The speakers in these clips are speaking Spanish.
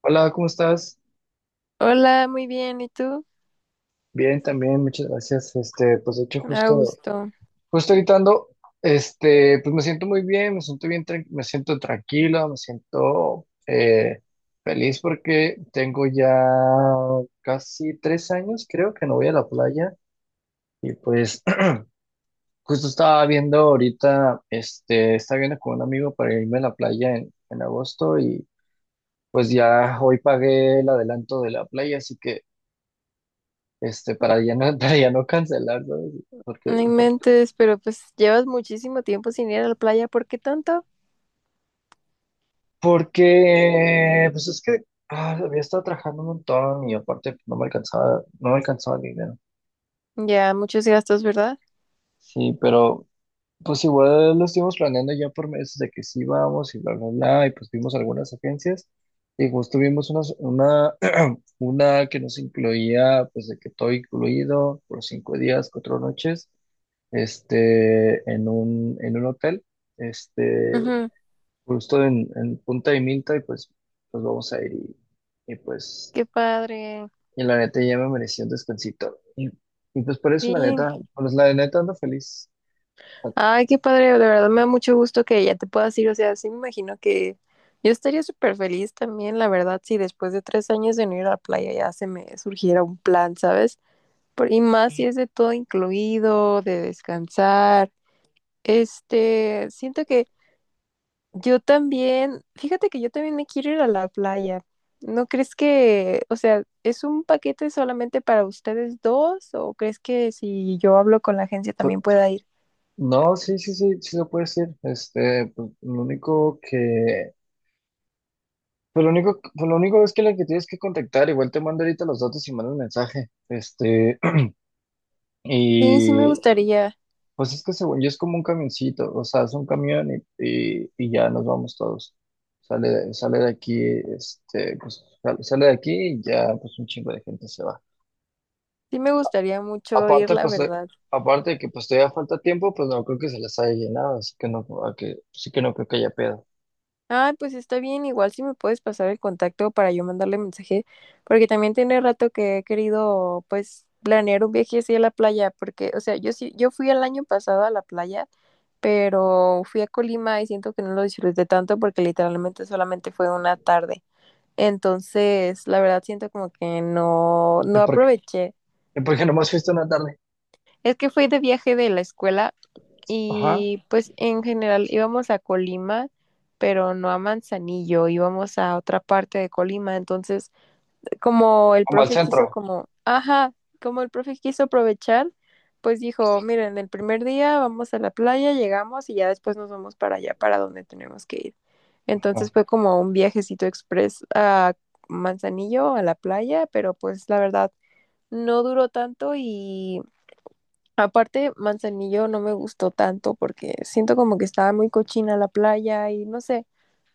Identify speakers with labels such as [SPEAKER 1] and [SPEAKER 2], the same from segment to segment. [SPEAKER 1] Hola, ¿cómo estás?
[SPEAKER 2] Hola, muy bien. ¿Y tú?
[SPEAKER 1] Bien, también, muchas gracias. Pues de hecho,
[SPEAKER 2] A gusto.
[SPEAKER 1] justo ahorita ando, pues me siento muy bien, me siento tranquilo, me siento feliz porque tengo ya casi tres años, creo que no voy a la playa. Y pues justo estaba viendo ahorita, estaba viendo con un amigo para irme a la playa en agosto y pues ya hoy pagué el adelanto de la playa, así que para ya no, para ya no cancelar, ¿sabes? Porque,
[SPEAKER 2] No
[SPEAKER 1] por-
[SPEAKER 2] inventes, pero pues llevas muchísimo tiempo sin ir a la playa. ¿Por qué tanto?
[SPEAKER 1] Porque, pues es que había estado trabajando un montón y aparte no me alcanzaba, no me alcanzaba el dinero.
[SPEAKER 2] Ya, muchos gastos, ¿verdad?
[SPEAKER 1] Sí, pero pues igual lo estuvimos planeando ya por meses de que sí vamos y bla, bla, bla, y pues vimos algunas agencias y justo vimos una que nos incluía, pues de que todo incluido, por cinco días, cuatro noches, en un hotel. Este,
[SPEAKER 2] Ujú.
[SPEAKER 1] Justo en Punta de Minta y pues nos vamos a ir pues
[SPEAKER 2] Qué padre.
[SPEAKER 1] y la neta ya me merecía un descansito y pues por eso la
[SPEAKER 2] Sí.
[SPEAKER 1] neta pues la neta ando feliz. Ah,
[SPEAKER 2] Ay, qué padre. De verdad me da mucho gusto que ya te puedas ir. O sea, sí me imagino que yo estaría súper feliz también, la verdad, si después de 3 años de no ir a la playa ya se me surgiera un plan, ¿sabes? Y más si es de todo incluido, de descansar. Este, siento que yo también, fíjate que yo también me quiero ir a la playa. ¿No crees que, o sea, es un paquete solamente para ustedes dos o crees que si yo hablo con la agencia
[SPEAKER 1] fue-
[SPEAKER 2] también pueda ir?
[SPEAKER 1] no, sí se puede decir. Lo único que Lo único es que la que tienes que contactar, igual te mando ahorita los datos y mando un mensaje.
[SPEAKER 2] Sí,
[SPEAKER 1] Y Pues es que según yo es como un camioncito, o sea, es un camión y, y ya nos vamos todos. Sale, sale de aquí, pues sale, sale de aquí y ya pues un chingo de gente se va.
[SPEAKER 2] sí me gustaría mucho ir,
[SPEAKER 1] Aparte,
[SPEAKER 2] la
[SPEAKER 1] pues,
[SPEAKER 2] verdad.
[SPEAKER 1] aparte de que pues todavía falta tiempo, pues no creo que se les haya llenado, así que no, sí que no creo que haya pedo.
[SPEAKER 2] Ah, pues está bien, igual si me puedes pasar el contacto para yo mandarle mensaje, porque también tiene rato que he querido, pues, planear un viaje así a la playa, porque, o sea, yo sí, yo fui el año pasado a la playa, pero fui a Colima y siento que no lo disfruté tanto porque literalmente solamente fue una tarde. Entonces, la verdad siento como que no, no
[SPEAKER 1] Es porque,
[SPEAKER 2] aproveché.
[SPEAKER 1] Porque nomás fuiste una tarde.
[SPEAKER 2] Es que fui de viaje de la escuela
[SPEAKER 1] Ajá.
[SPEAKER 2] y pues en general íbamos a Colima, pero no a Manzanillo, íbamos a otra parte de Colima. Entonces, como el
[SPEAKER 1] Como al
[SPEAKER 2] profe quiso
[SPEAKER 1] centro.
[SPEAKER 2] como, ajá, como el profe quiso aprovechar, pues dijo, miren, el primer día vamos a la playa, llegamos y ya después nos vamos para allá, para donde tenemos que ir.
[SPEAKER 1] Ajá.
[SPEAKER 2] Entonces fue como un viajecito express a Manzanillo, a la playa, pero pues la verdad no duró tanto. Y aparte, Manzanillo no me gustó tanto porque siento como que estaba muy cochina la playa y no sé,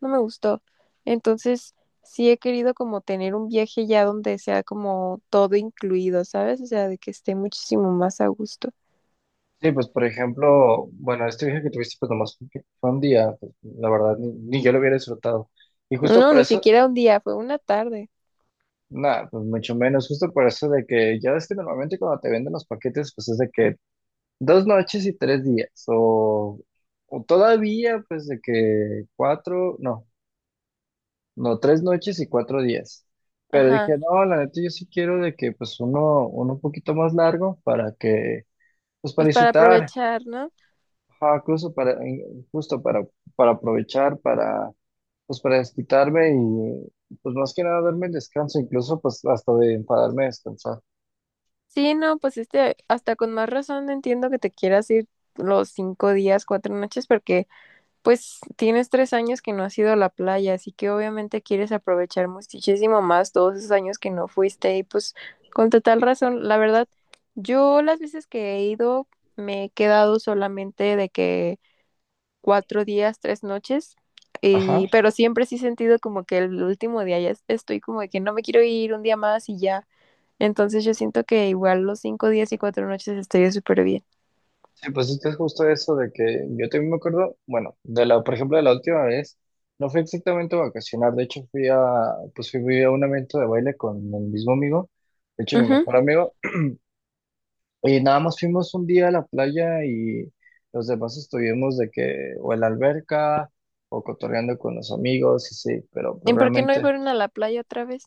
[SPEAKER 2] no me gustó. Entonces, sí he querido como tener un viaje ya donde sea como todo incluido, ¿sabes? O sea, de que esté muchísimo más a gusto.
[SPEAKER 1] Sí, pues por ejemplo, bueno, este viaje que tuviste pues nomás fue un día, pues, la verdad, ni yo lo hubiera disfrutado. Y justo
[SPEAKER 2] No,
[SPEAKER 1] por
[SPEAKER 2] ni
[SPEAKER 1] eso,
[SPEAKER 2] siquiera un día, fue una tarde.
[SPEAKER 1] nada, pues mucho menos, justo por eso de que ya ves que normalmente cuando te venden los paquetes, pues es de que dos noches y tres días, o todavía pues de que cuatro, no, no, tres noches y cuatro días. Pero
[SPEAKER 2] Ajá,
[SPEAKER 1] dije, no, la neta yo sí quiero de que pues uno un poquito más largo para que, pues para
[SPEAKER 2] pues para
[SPEAKER 1] disfrutar,
[SPEAKER 2] aprovechar, ¿no?
[SPEAKER 1] ajá, justo para, para aprovechar, para, pues para desquitarme y pues más que nada darme el descanso, incluso pues hasta de enfadarme a descansar.
[SPEAKER 2] Sí, no, pues este, hasta con más razón entiendo que te quieras ir los 5 días, 4 noches, porque pues tienes 3 años que no has ido a la playa, así que obviamente quieres aprovechar muchísimo más todos esos años que no fuiste. Y pues con total razón, la verdad, yo las veces que he ido me he quedado solamente de que 4 días, 3 noches, y,
[SPEAKER 1] Ajá.
[SPEAKER 2] pero siempre sí he sentido como que el último día ya estoy como de que no me quiero ir un día más y ya. Entonces yo siento que igual los 5 días y 4 noches estaría súper bien.
[SPEAKER 1] Sí, pues esto es justo eso de que yo también me acuerdo, bueno, por ejemplo, de la última vez, no fue exactamente a vacacionar, de hecho pues fui a un evento de baile con el mismo amigo, de hecho mi
[SPEAKER 2] Ujú.
[SPEAKER 1] mejor amigo, y nada más fuimos un día a la playa y los demás estuvimos de que, o en la alberca, o cotorreando con los amigos, y sí, pero
[SPEAKER 2] ¿Y
[SPEAKER 1] pues
[SPEAKER 2] por qué no
[SPEAKER 1] realmente,
[SPEAKER 2] fueron a la playa otra vez?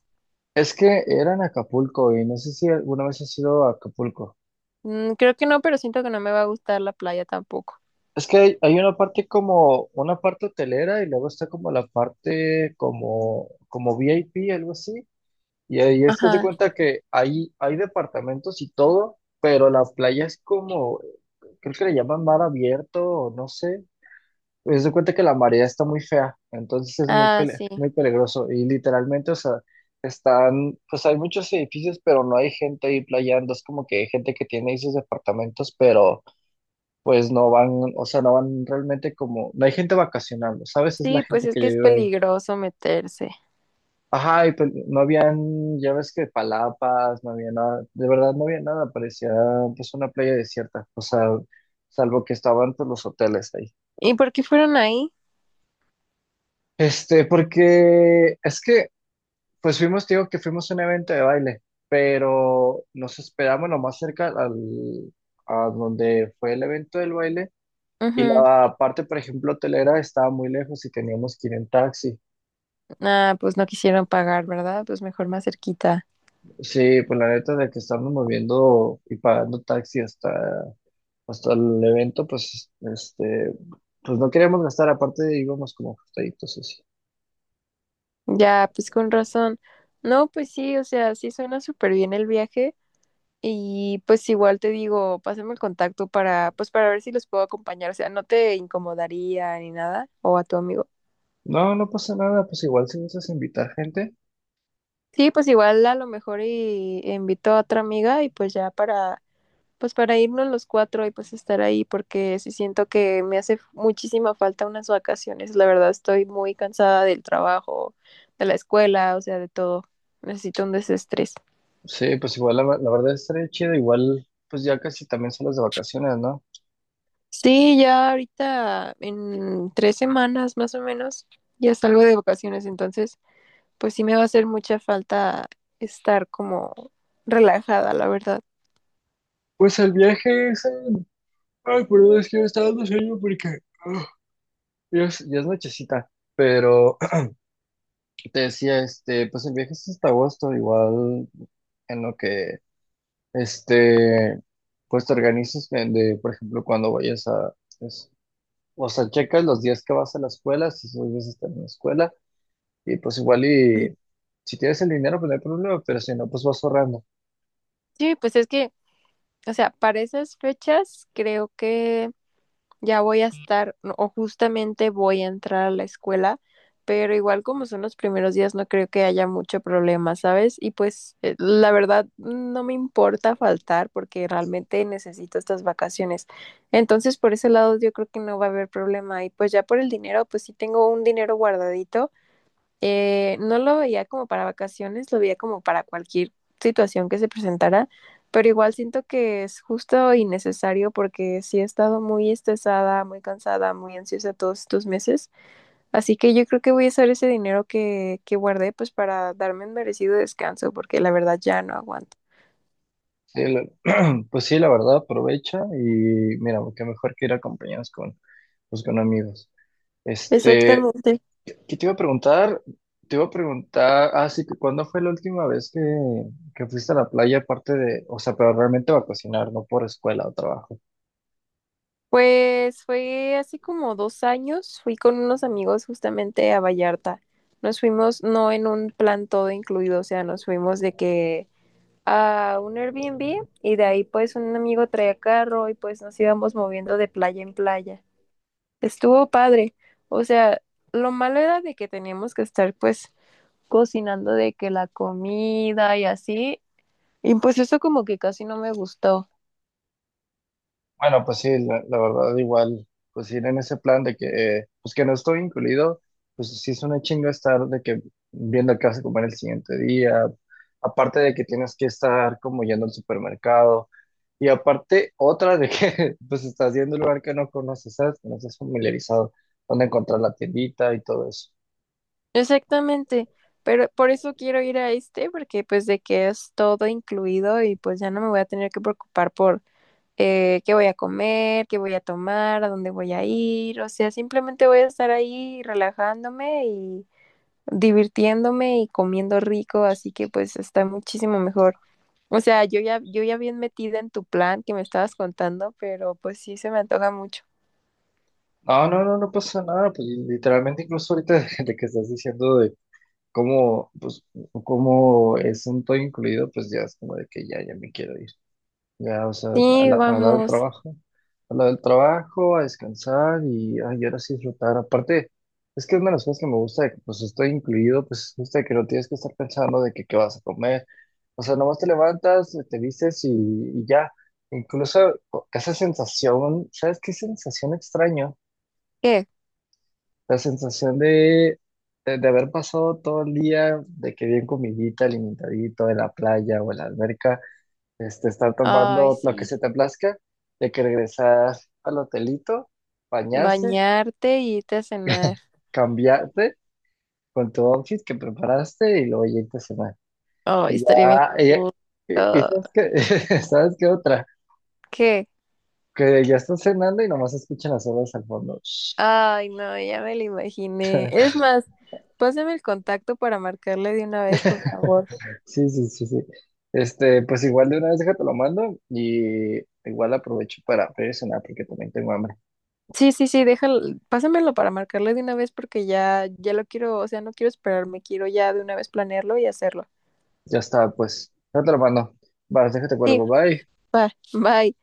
[SPEAKER 1] es que era en Acapulco y no sé si alguna vez has ido a Acapulco.
[SPEAKER 2] Mm, creo que no, pero siento que no me va a gustar la playa tampoco.
[SPEAKER 1] Es que hay una parte como, una parte hotelera y luego está como la parte como, como VIP, algo así. Y ahí es que se
[SPEAKER 2] Ajá.
[SPEAKER 1] cuenta que hay departamentos y todo, pero la playa es como, creo que le llaman mar abierto o no sé. Pues se cuenta que la marea está muy fea, entonces es muy,
[SPEAKER 2] Ah, sí.
[SPEAKER 1] muy peligroso. Y literalmente, o sea, están, pues hay muchos edificios, pero no hay gente ahí playando. Es como que hay gente que tiene esos departamentos, pero pues no van, o sea, no van realmente como, no hay gente vacacionando, ¿sabes? Es la
[SPEAKER 2] Sí, pues
[SPEAKER 1] gente
[SPEAKER 2] es
[SPEAKER 1] que
[SPEAKER 2] que
[SPEAKER 1] ya
[SPEAKER 2] es
[SPEAKER 1] vive ahí.
[SPEAKER 2] peligroso meterse.
[SPEAKER 1] Ajá, y pues no habían, ya ves que palapas, no había nada, de verdad no había nada, parecía pues una playa desierta, o sea, salvo que estaban pues los hoteles ahí.
[SPEAKER 2] ¿Y por qué fueron ahí?
[SPEAKER 1] Porque es que, pues fuimos, te digo que fuimos a un evento de baile, pero nos esperamos lo más cerca a donde fue el evento del baile. Y
[SPEAKER 2] Ujú.
[SPEAKER 1] la parte, por ejemplo, hotelera estaba muy lejos y teníamos que ir en taxi.
[SPEAKER 2] Ah, pues no quisieron pagar, ¿verdad? Pues mejor más cerquita.
[SPEAKER 1] Sí, pues la neta de que estarnos moviendo y pagando taxi hasta, hasta el evento, pues, pues no queríamos gastar, aparte íbamos como ajustaditos así.
[SPEAKER 2] Ya, pues con razón. No, pues sí, o sea, sí suena súper bien el viaje. Y pues igual te digo, pásame el contacto para, pues para ver si los puedo acompañar. O sea, no te incomodaría ni nada, o a tu amigo.
[SPEAKER 1] No, no pasa nada, pues igual si gustas invitar gente,
[SPEAKER 2] Sí, pues igual a lo mejor y invito a otra amiga y pues ya para, pues para irnos los cuatro y pues estar ahí, porque sí siento que me hace muchísima falta unas vacaciones. La verdad estoy muy cansada del trabajo, de la escuela, o sea, de todo. Necesito un desestrés.
[SPEAKER 1] sí, pues igual la verdad estaría chido, igual pues ya casi también son las de vacaciones, ¿no?
[SPEAKER 2] Sí, ya ahorita en 3 semanas más o menos ya salgo de vacaciones, entonces pues sí me va a hacer mucha falta estar como relajada, la verdad.
[SPEAKER 1] Pues el viaje es en- Ay, perdón, es que me está dando sueño porque... ah, ya es nochecita, pero te decía, pues el viaje es hasta agosto, igual en lo que Este, pues te organizas de, por ejemplo, cuando vayas a, es- o sea, checas los días que vas a la escuela, si esos días estás en la escuela, y pues igual
[SPEAKER 2] Mm.
[SPEAKER 1] y si tienes el dinero, pues no hay problema, pero si no, pues vas ahorrando.
[SPEAKER 2] Sí, pues es que, o sea, para esas fechas creo que ya voy a estar no, o justamente voy a entrar a la escuela, pero igual como son los primeros días no creo que haya mucho problema, ¿sabes? Y pues la verdad no me importa faltar porque realmente necesito estas vacaciones. Entonces por ese lado yo creo que no va a haber problema, y pues ya por el dinero, pues sí tengo un dinero guardadito, no lo veía como para vacaciones, lo veía como para cualquier situación que se presentara, pero igual siento que es justo y necesario porque sí he estado muy estresada, muy cansada, muy ansiosa todos estos meses, así que yo creo que voy a usar ese dinero que guardé pues para darme un merecido descanso porque la verdad ya no aguanto.
[SPEAKER 1] Sí, la- pues sí, la verdad, aprovecha y mira, qué mejor que ir acompañados con, pues con amigos. Este,
[SPEAKER 2] Exactamente.
[SPEAKER 1] ¿Qué te iba a preguntar? Te iba a preguntar, ah, sí, que ¿cuándo fue la última vez que fuiste a la playa aparte de, o sea, pero realmente va a cocinar, no por escuela o trabajo?
[SPEAKER 2] Pues fue hace como 2 años, fui con unos amigos justamente a Vallarta. Nos fuimos no en un plan todo incluido, o sea, nos fuimos de que a un Airbnb y de ahí pues un amigo traía carro y pues nos íbamos moviendo de playa en playa. Estuvo padre. O sea, lo malo era de que teníamos que estar pues cocinando de que la comida y así. Y pues eso como que casi no me gustó.
[SPEAKER 1] Bueno, pues sí, la verdad igual, pues ir en ese plan de que, pues que no estoy incluido, pues sí es una chinga estar de que viendo qué vas a comer el siguiente día, aparte de que tienes que estar como yendo al supermercado, y aparte otra de que pues estás yendo a un lugar que no conoces, ¿sabes? Que no estás familiarizado, dónde encontrar la tiendita y todo eso.
[SPEAKER 2] Exactamente. Pero por eso quiero ir a este porque pues de que es todo incluido y pues ya no me voy a tener que preocupar por qué voy a comer, qué voy a tomar, a dónde voy a ir, o sea, simplemente voy a estar ahí relajándome y divirtiéndome y comiendo rico, así que pues está muchísimo mejor. O sea, yo ya bien metida en tu plan que me estabas contando, pero pues sí se me antoja mucho.
[SPEAKER 1] No, no pasa nada, pues literalmente incluso ahorita de que estás diciendo como, pues, como es un todo incluido, pues ya es como de que ya, ya me quiero ir. Ya, o sea,
[SPEAKER 2] Sí,
[SPEAKER 1] a la del
[SPEAKER 2] vamos.
[SPEAKER 1] trabajo, a la del trabajo, a descansar y, ay, ahora sí disfrutar. Aparte, es que es una de las cosas que me gusta de que, pues, estoy incluido, pues, gusta que no tienes que estar pensando de que qué vas a comer. O sea, nomás te levantas, te vistes y ya. Incluso esa sensación, ¿sabes qué sensación extraño?
[SPEAKER 2] ¿Qué?
[SPEAKER 1] La sensación de haber pasado todo el día, de que bien comidita, alimentadito, de la playa o en la alberca, estar
[SPEAKER 2] Ay,
[SPEAKER 1] tomando lo que
[SPEAKER 2] sí.
[SPEAKER 1] se te plazca, de que regresar al hotelito, bañarse,
[SPEAKER 2] Bañarte y irte a cenar.
[SPEAKER 1] cambiarte con tu outfit que preparaste y luego irte a cenar.
[SPEAKER 2] Ay,
[SPEAKER 1] Y
[SPEAKER 2] estaría bien, a
[SPEAKER 1] ya, y,
[SPEAKER 2] gusto.
[SPEAKER 1] y sabes qué, ¿sabes qué otra?
[SPEAKER 2] ¿Qué?
[SPEAKER 1] Que ya estás cenando y nomás escuchan las olas al fondo.
[SPEAKER 2] Ay, no, ya me lo imaginé. Es más, pásame el contacto para marcarle de una vez, por favor.
[SPEAKER 1] Sí. Pues igual de una vez déjate lo mando y igual aprovecho para pedir cenar porque también tengo hambre.
[SPEAKER 2] Sí, sí, sí, déjalo, pásamelo para marcarle de una vez porque ya, ya lo quiero, o sea, no quiero esperarme, quiero ya de una vez planearlo y hacerlo.
[SPEAKER 1] Ya está, pues, ya te lo mando. Vale, déjate
[SPEAKER 2] Sí,
[SPEAKER 1] cuelgo, bye.
[SPEAKER 2] va, bye.